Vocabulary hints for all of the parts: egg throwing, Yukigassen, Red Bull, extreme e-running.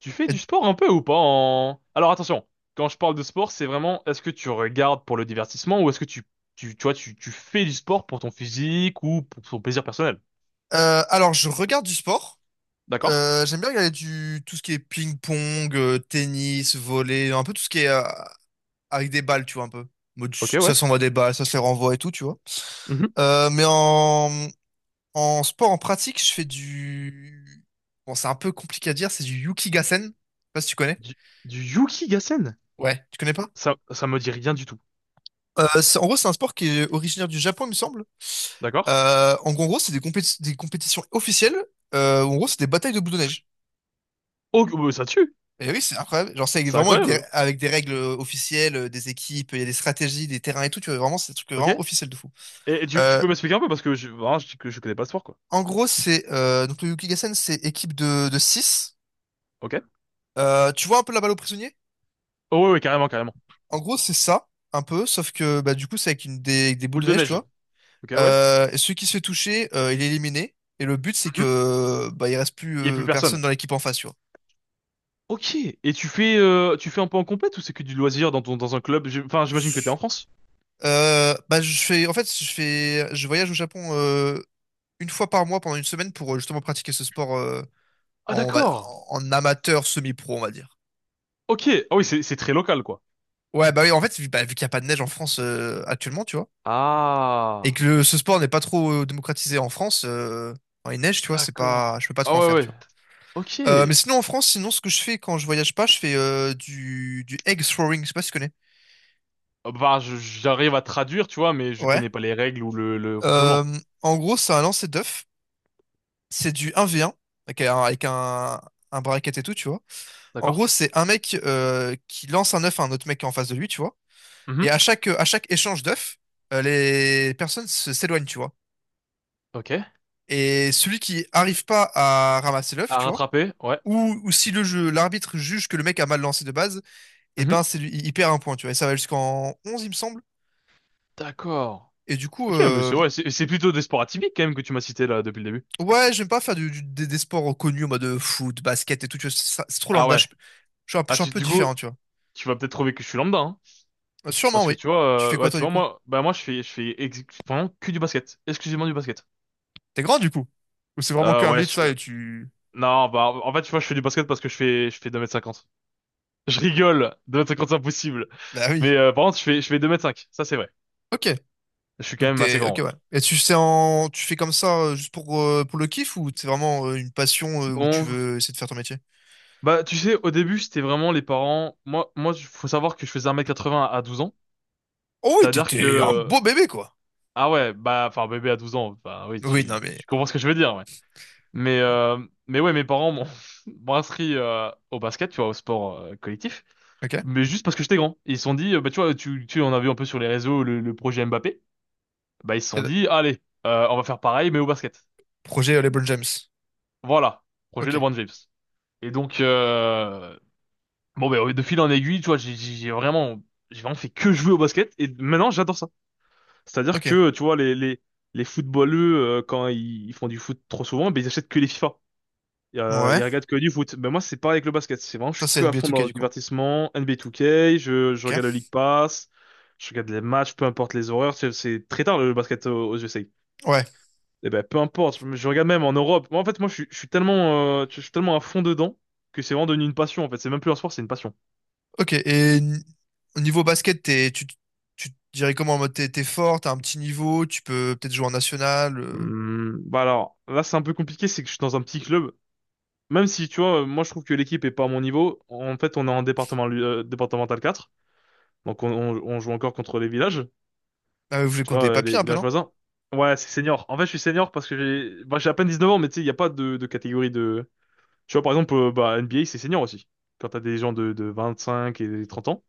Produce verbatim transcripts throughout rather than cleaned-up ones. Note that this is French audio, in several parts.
Tu fais Euh, du sport un peu ou pas en... Alors attention, quand je parle de sport, c'est vraiment est-ce que tu regardes pour le divertissement ou est-ce que tu, tu, tu vois, tu, tu fais du sport pour ton physique ou pour ton plaisir personnel. euh, alors, je regarde du sport. D'accord? Euh, j'aime bien regarder du tout ce qui est ping-pong, euh, tennis, volley, un peu tout ce qui est euh, avec des balles, tu vois, un peu. Mode, Ok, ça ouais. s'envoie des balles, ça se les renvoie et tout, tu vois. Mhm. Euh, mais en, en sport, en pratique, je fais du... Bon, c'est un peu compliqué à dire, c'est du Yukigassen. Je sais pas si tu connais. Du, du Yuki. Ouais. Tu connais pas? Ça, ça me dit rien du tout. Euh, c'est- en gros, c'est un sport qui est originaire du Japon, il me semble. D'accord? Euh, en gros, c'est des, compéti- des compétitions officielles. Euh, où en gros, c'est des batailles de boules de neige. Oh, oh, bah, ça tue! Et oui, c'est incroyable. Genre, c'est C'est vraiment avec des, incroyable! avec des règles euh, officielles, euh, des équipes, il y a des stratégies, des terrains et tout. Tu vois, vraiment, c'est des trucs Ok? Et, vraiment officiels de fou. et tu, tu Euh, peux m'expliquer un peu parce que je, vraiment, je, que je connais pas ce sport, quoi. En gros, c'est... euh, donc, le Yukigassen, c'est équipe de, de six. Ok? Tu vois un peu la balle aux prisonniers? Oh, ouais, ouais, carrément, carrément. En gros, c'est ça, un peu, sauf que bah, du coup, c'est avec une, des, avec des boules Boule de de neige, tu neige. vois. Ok, ouais. Euh, et celui qui se fait toucher, euh, il est éliminé. Et le but, c'est Mhm. que bah, il reste plus Il y a plus euh, personne. personne dans l'équipe en face, tu vois. Ok. Et tu fais, euh, tu fais un peu en compète ou c'est que du loisir dans ton, dans un club? J'ai- Enfin, j'imagine que t'es en France. Euh, bah, je fais, en fait, je fais, je voyage au Japon euh, une fois par mois pendant une semaine pour euh, justement pratiquer ce sport euh, Ah, en, va- d'accord. en en amateur semi-pro, on va dire. Ok. Ah oui, c'est, c'est très local, quoi. Ouais, bah oui, en fait, vu, bah, vu qu'il n'y a pas de neige en France euh, actuellement, tu vois, et Ah, que le- ce sport n'est pas trop euh, démocratisé en France, euh, quand il neige, tu vois, c'est pas, d'accord. je peux pas trop Ah en ouais, faire, ouais. tu vois. Ok. Euh, mais sinon en France, sinon ce que je fais quand je voyage pas, je fais euh, du, du egg throwing, je sais pas si tu connais. Ah, bah, je- j'arrive à traduire, tu vois, mais je Ouais. connais pas les règles ou le, le Euh, fonctionnement. En gros, c'est un lancer d'œuf. C'est du un v un, avec un, avec un, un bracket et tout, tu vois. En D'accord. gros, c'est un mec euh, qui lance un œuf à un autre mec qui est en face de lui, tu vois. Et Mhm. à chaque, à chaque échange d'œufs, euh, les personnes se- s'éloignent, tu vois. Ok. Et celui qui arrive pas à ramasser l'œuf, À tu vois, rattraper, ouais. ou, ou si le jeu, l'arbitre juge que le mec a mal lancé de base, et ben Mhm. c'est lui, il il perd un point, tu vois. Et ça va jusqu'en onze il me semble. D'accord. Et du coup, Ok, mais euh, c'est, ouais, c'est c'est plutôt des sports atypiques quand même que tu m'as cité là depuis le début. ouais, j'aime pas faire du- du- des, des sports reconnus en mode euh, foot, basket et tout. Tu vois, ça- c'est trop Ah lambda. Je, ouais. je suis un, peu je Ah, suis un tu, peu du coup, différent, tu vois. tu vas peut-être trouver que je suis lambda, hein. Euh, Sûrement, Parce que oui. tu vois, Tu fais euh, quoi, ouais, tu toi, du vois, coup? moi, bah moi, je fais, je fais ex- vraiment que du basket, exclusivement du basket. T'es grand, du coup? Ou c'est vraiment Euh, qu'un Ouais, mythe, je- ça, euh, et tu... non, bah, en fait, tu vois, je fais du basket parce que je fais, je fais deux mètres cinquante. Je rigole, deux mètres cinquante c'est impossible. Bah Mais oui. euh, par contre, je fais, je fais deux mètres cinq. Ça c'est vrai. Ok. Je suis quand Donc même assez t'es... grand, Ok, ouais. ouais. Et tu sais en... Tu fais comme ça euh, juste pour, euh, pour le kiff ou c'est vraiment euh, une passion euh, où tu Bon, veux essayer de faire ton métier? bah, tu sais, au début, c'était vraiment les parents. Moi, moi, il faut savoir que je faisais un mètre quatre-vingts à douze ans. Oh oui, C'est-à-dire t'étais un que, beau bébé, quoi. ah ouais, bah, enfin, bébé à douze ans, bah oui, Oui, non, tu, mais... tu comprends ce que je veux dire. Mais, euh, mais ouais, mes parents m'ont m'ont inscrit euh, au basket, tu vois, au sport euh, collectif, Ok. Et mais juste parce que j'étais grand. Ils se sont dit, euh, bah, tu vois, tu, tu en as vu un peu sur les réseaux le, le projet Mbappé. Bah, ils se sont le- dit, allez, euh, on va faire pareil, mais au basket. Projet euh, LeBron James. Voilà, projet Ok. LeBron James. Et donc, euh, bon, bah, de fil en aiguille, tu vois, j'ai j'ai- j'ai vraiment, j'ai vraiment fait que jouer au basket, et maintenant, j'adore ça. C'est-à-dire Ok. que, tu vois, les, les, les footballeux, euh, quand ils, ils font du foot trop souvent, bah, ils achètent que les FIFA. Et, Euh, Ouais. Il regarde que du foot. Ben moi, c'est pareil avec le basket. C'est vraiment, je Toi, suis c'est que à N B A fond deux K, dans le du coup. divertissement. N B A deux k, je, je regarde le Ok. League Pass, je regarde les matchs, peu importe les horaires. C'est c'est très tard le basket aux, aux U S A. Ouais. Et ben, peu importe, je, je regarde même en Europe. Moi, en fait, moi, je, suis je suis tellement, euh, je suis tellement à fond dedans que c'est vraiment devenu une passion. En fait, c'est même plus un sport, c'est une passion. Ok, et n- au niveau basket, t'es, tu, tu te dirais comment en mode t'es, t'es fort, t'as un petit niveau, tu peux peut-être jouer en national. euh. Hum, bah alors, là, c'est un peu compliqué, c'est que je suis dans un petit club. Même si, tu vois, moi, je trouve que l'équipe est pas à mon niveau. En fait, on est en département, euh, départemental quatre. Donc, on, on on joue encore contre les villages. Ah, ouais, vous voulez Tu compter vois, les euh, papiers les un peu, villages non? voisins. Ouais, c'est senior. En fait, je suis senior parce que j'ai bah, j'ai à peine dix-neuf ans, mais tu sais, il n'y a pas de, de catégorie de... Tu vois, par exemple, euh, bah, N B A, c'est senior aussi. Quand t'as des gens de, de vingt cinq et des trente ans.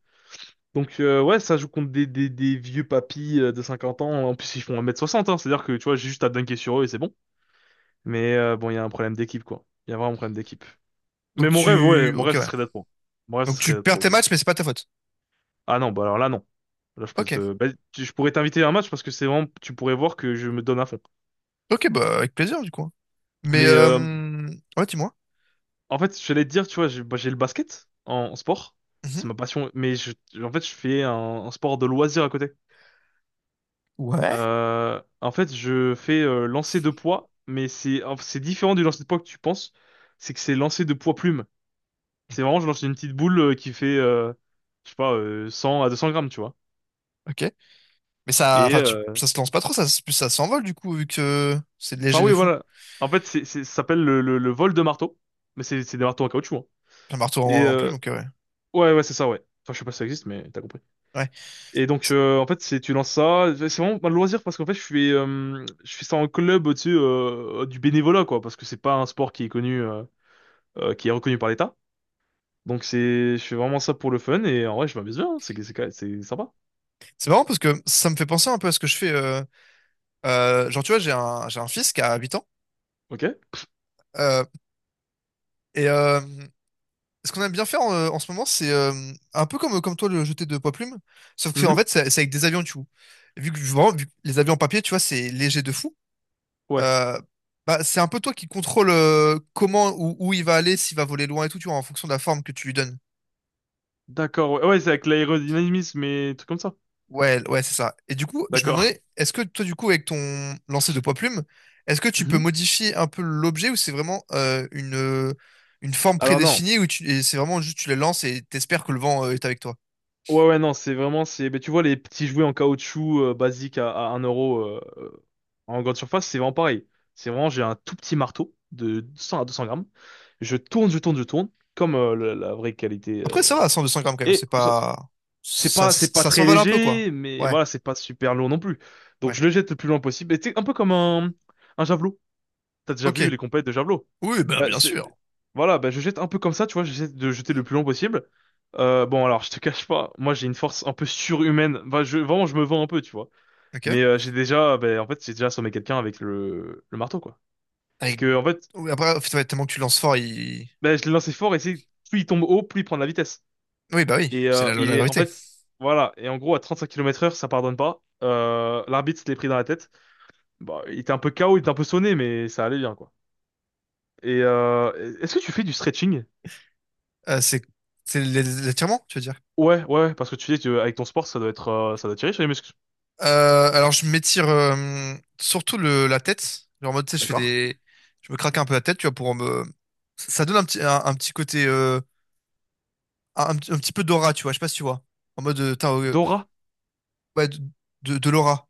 Donc, euh, ouais, ça joue contre des, des, des vieux papis euh, de cinquante ans. En plus, ils font un mètre soixante, hein. C'est-à-dire que, tu vois, j'ai juste à dunker sur eux et c'est bon. Mais euh, bon, il y a un problème d'équipe, quoi. Il y a vraiment un problème d'équipe. Donc Mais mon rêve, ouais, tu. mon Ok, rêve, ce ouais. serait d'être pro. Mon rêve, ce Donc serait tu d'être perds pro. tes De ouf. matchs, mais c'est pas ta faute. Ah non, bah alors là, non. Là, je peux Ok. te- bah, tu- je pourrais t'inviter à un match parce que c'est vraiment, tu pourrais voir que je me donne à fond. Ok, bah avec plaisir du coup, hein. Mais Mais euh, euh... Ouais, dis-moi. en fait, je j'allais te dire, tu vois, j'ai bah, j'ai le basket en, en sport. Mhm. C'est ma passion. Mais je, en fait, je fais un, un sport de loisir à côté. Ouais. Euh, en fait, je fais euh, lancer de poids, mais c'est en fait, c'est différent du lancer de poids que tu penses. C'est que c'est lancer de poids plume. C'est vraiment, je lance une petite boule euh, qui fait, euh, je sais pas, euh, cent à deux cents grammes, tu vois. Ok. Mais ça. Et Enfin, tu... euh, ça se lance pas trop, ça, s- ça s'envole du coup, vu que c'est enfin, léger oui, de fou. voilà. En fait, c'est, c'est, ça s'appelle le, le, le vol de marteau. Mais c'est c'est des marteaux en caoutchouc, hein. Un marteau Et en, en euh, plume, ok, ouais. ouais, ouais, c'est ça, ouais. Enfin, je sais pas si ça existe, mais t'as compris. Ouais. Et donc, C'est euh, en fait, c'est tu lances ça. C'est vraiment un loisir parce qu'en fait, je fais, euh, je fais ça en club, tu sais, euh, du bénévolat, quoi, parce que c'est pas un sport qui est connu, euh, euh, qui est reconnu par l'État. Donc, c'est, je fais vraiment ça pour le fun et en vrai, je m'amuse bien, hein. C'est, c'est, c'est sympa. c'est marrant parce que ça me fait penser un peu à ce que je fais. euh, euh, Genre, tu vois, j'ai un, j'ai un fils qui a huit ans. Ok? euh, Et euh, ce qu'on aime bien faire en, en ce moment, c'est euh, un peu comme, comme toi le jeter de poids plume, sauf que en Mhm. fait, c'est c'est avec des avions, tu vois. Vu que vraiment, vu que les avions en papier, tu vois, c'est léger de fou. Ouais. Euh, Bah, c'est un peu toi qui contrôle euh, comment ou où il va aller, s'il va voler loin et tout, tu vois, en fonction de la forme que tu lui donnes. D'accord. Ouais, ouais, c'est avec l'aérodynamisme et trucs comme ça. Ouais, ouais, c'est ça. Et du coup, je me D'accord. demandais, est-ce que toi, du coup, avec ton lancer de poids plume, est-ce que tu peux Mhm. modifier un peu l'objet ou c'est vraiment euh, une, une forme Alors non. prédéfinie ou tu, et c'est vraiment juste tu les lances et t'espères que le vent euh, est avec toi? Ouais, ouais, non, c'est vraiment, c'est, mais tu vois, les petits jouets en caoutchouc euh, basiques à, à un euro euh, euh, en grande surface, c'est vraiment pareil. C'est vraiment, j'ai un tout petit marteau de cent à deux cents grammes. Je tourne, je tourne, je tourne, comme euh, la, la vraie qualité, Après, euh, ça va, cent deux cents grammes quand même, et c'est je saute. pas... C'est Ça, pas, c'est pas ça très s'envale un peu, quoi. léger, mais Ouais, voilà, c'est pas super lourd non plus. Donc ouais. je le jette le plus loin possible. Et c'est un peu comme un, un javelot. T'as déjà Ok. vu les compètes de javelot? Oui, bah, Bah, bien c'est... sûr. Voilà, bah, je jette un peu comme ça, tu vois, j'essaie de jeter le plus long possible. Euh, bon, alors, je te cache pas, moi j'ai une force un peu surhumaine. Bah, je, vraiment, je me vends un peu, tu vois. Ok. Mais euh, j'ai déjà, bah, en fait, j'ai déjà assommé quelqu'un avec le, le marteau, quoi. C'est Avec- que, en fait, Oui, après, en fait, ouais, tellement que tu lances fort, il... bah, je l'ai lancé fort et c'est plus il tombe haut, plus il prend de la vitesse. Oui, bah oui, Et c'est euh, la loi Il de la est, en gravité. fait, voilà. Et en gros, à trente-cinq kilomètres heure, ça pardonne pas. Euh, l'arbitre se l'est pris dans la tête. Bah, il était un peu K O, il était un peu sonné, mais ça allait bien, quoi. Et euh, est-ce que tu fais du stretching? Euh, c'est c'est l'é- l'étirement, tu veux dire? Ouais, ouais, ouais, parce que tu dis que avec ton sport, ça doit être, euh, ça doit tirer sur les muscles. Euh, alors, je m'étire euh, surtout le, la tête. Genre, en mode, tu sais, je fais D'accord. des... Je me craque un peu la tête, tu vois, pour me... Ça donne un petit, un, un petit côté... euh, un, un petit peu d'aura, tu vois, je sais pas si tu vois. En mode, euh, t'as, euh, Dora. ouais, de, de, de l'aura.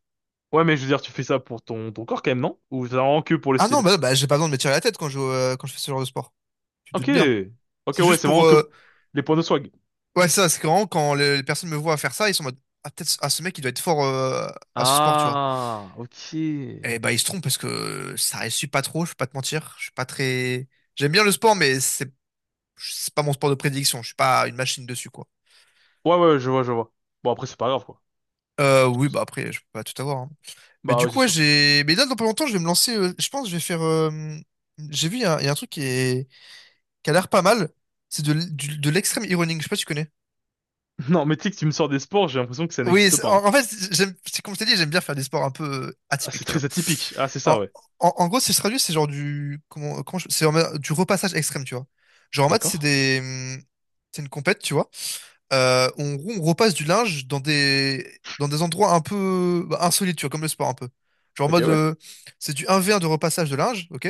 Ouais, mais je veux dire, tu fais ça pour ton, ton corps quand même, non? Ou c'est vraiment que pour le Ah non, style? bah, bah j'ai pas besoin de me tirer la tête quand je, euh, quand je fais ce genre de sport. Tu te Ok. doutes bien. Ok, C'est ouais, juste c'est pour. vraiment que euh, les points de swag. Ouais, ça, c'est vraiment quand les, les personnes me voient faire ça, ils sont en mode. Ah, peut-être, ah, ce mec, il doit être fort euh, à ce sport, tu vois. Ah, ok. Ouais, Et bah, ils se trompent parce que ça réussit pas trop, je vais pas te mentir. Je suis pas très. J'aime bien le sport, mais c'est c'est pas mon sport de prédilection. Je suis pas une machine dessus, quoi. ouais, je vois, je vois. Bon, après, c'est pas grave, quoi. Euh, C'est comme Oui, ça. bah après, je peux pas tout avoir, hein. Mais Bah du oui, c'est coup, ouais, sûr. j'ai. Mais là, dans pas longtemps, je vais me lancer. Euh, je pense que je vais faire. euh, J'ai vu, il y, a un il y a un truc qui, est... qui a l'air pas mal. C'est de, l- du- de l'extrême e-running. Je sais pas si tu connais. Non, mais tu sais que tu me sors des sports, j'ai l'impression que ça Oui, n'existe c'est- pas, hein. en, en fait, j'aime, c'est comme je t'ai dit, j'aime bien faire des sports un peu euh, Ah, c'est atypiques, tu très vois. atypique. Ah, c'est En, ça, ouais. en- en gros, si je traduis, c'est genre du, comment, comment je- c'est en mode du repassage extrême, tu vois. Genre en mode, c'est D'accord. des, hum, c'est une compète, tu vois. Euh, on, on repasse du linge dans des, dans des endroits un peu bah, insolites, tu vois, comme le sport un peu. Genre en Ok, mode, ouais. euh, c'est du un v un de repassage de linge, ok?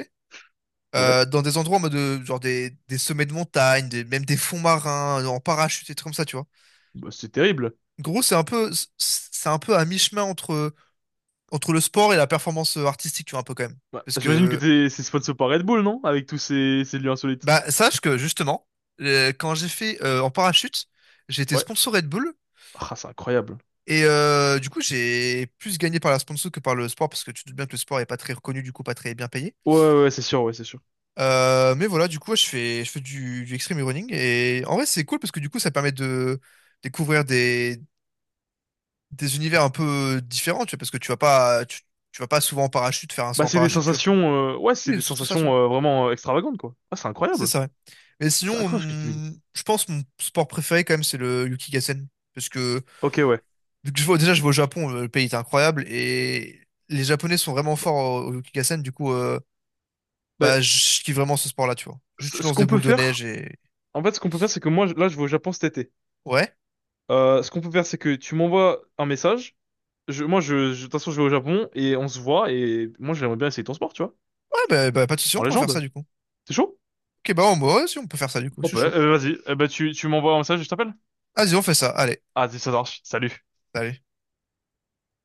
Ouais. Euh, dans des endroits en mode, euh, genre des, des sommets de montagne, des- même des fonds marins, en parachute et tout comme ça, tu vois. Bah, c'est terrible. Gros, c'est un peu, c'est un peu à mi-chemin entre, entre le sport et la performance artistique, tu vois, un peu quand même. Bah, Parce j'imagine que que, t'es, c'est sponsor par Red Bull, non? Avec tous ces, ces lieux insolites. bah, sache que justement, euh, quand j'ai fait euh, en parachute, j'ai été Ouais. sponsor Red Bull. Ah, c'est incroyable. Et euh, du coup, j'ai plus gagné par la sponsor que par le sport, parce que tu te doutes bien que le sport est pas très reconnu, du coup, pas très bien payé. Ouais, ouais, ouais, c'est sûr, ouais, c'est sûr. Euh, mais voilà, du coup, ouais, je fais, je fais du, du extreme running. Et en vrai, c'est cool parce que du coup, ça permet de découvrir des, des univers un peu différents, tu vois, parce que tu vas pas, tu, tu vas pas souvent en parachute, faire un saut Bah, en c'est des parachute, tu vois, sensations, euh, ouais, c'est oui, des surtout ça, tu sensations vois. euh, vraiment euh, extravagantes, quoi. Ah, c'est C'est incroyable. ça, ouais. Mais C'est sinon, incroyable ce que tu me dis. hum, je pense que mon sport préféré quand même, c'est le Yukigassen. Parce que Ok, ouais. vu que je vois, Déjà, je vais au Japon, euh, le pays est incroyable et les Japonais sont vraiment forts au, au Yukigassen. Du coup, euh, Bah, bah, je kiffe vraiment ce sport-là, tu vois. Juste, ce, tu ce lances des qu'on peut boules de faire, neige et en fait, ce qu'on peut faire, c'est que moi, je- là, je vais au Japon cet été. ouais, Euh, ce qu'on peut faire, c'est que tu m'envoies un message. Je, moi, je, je- de toute façon, je vais au Japon et on se voit. Et moi, j'aimerais bien essayer ton sport, tu vois. ouais, bah, bah, pas de souci, on En pourra faire ça légende. du coup. C'est chaud? Ok, bah, on, bah, ouais, si on peut faire ça du coup, je Oh, suis bah, chaud. euh, vas-y. Eh bah, tu, tu m'envoies un message et je t'appelle. Vas-y, on fait ça. Allez, Ah, ça marche. Salut. bah, allez.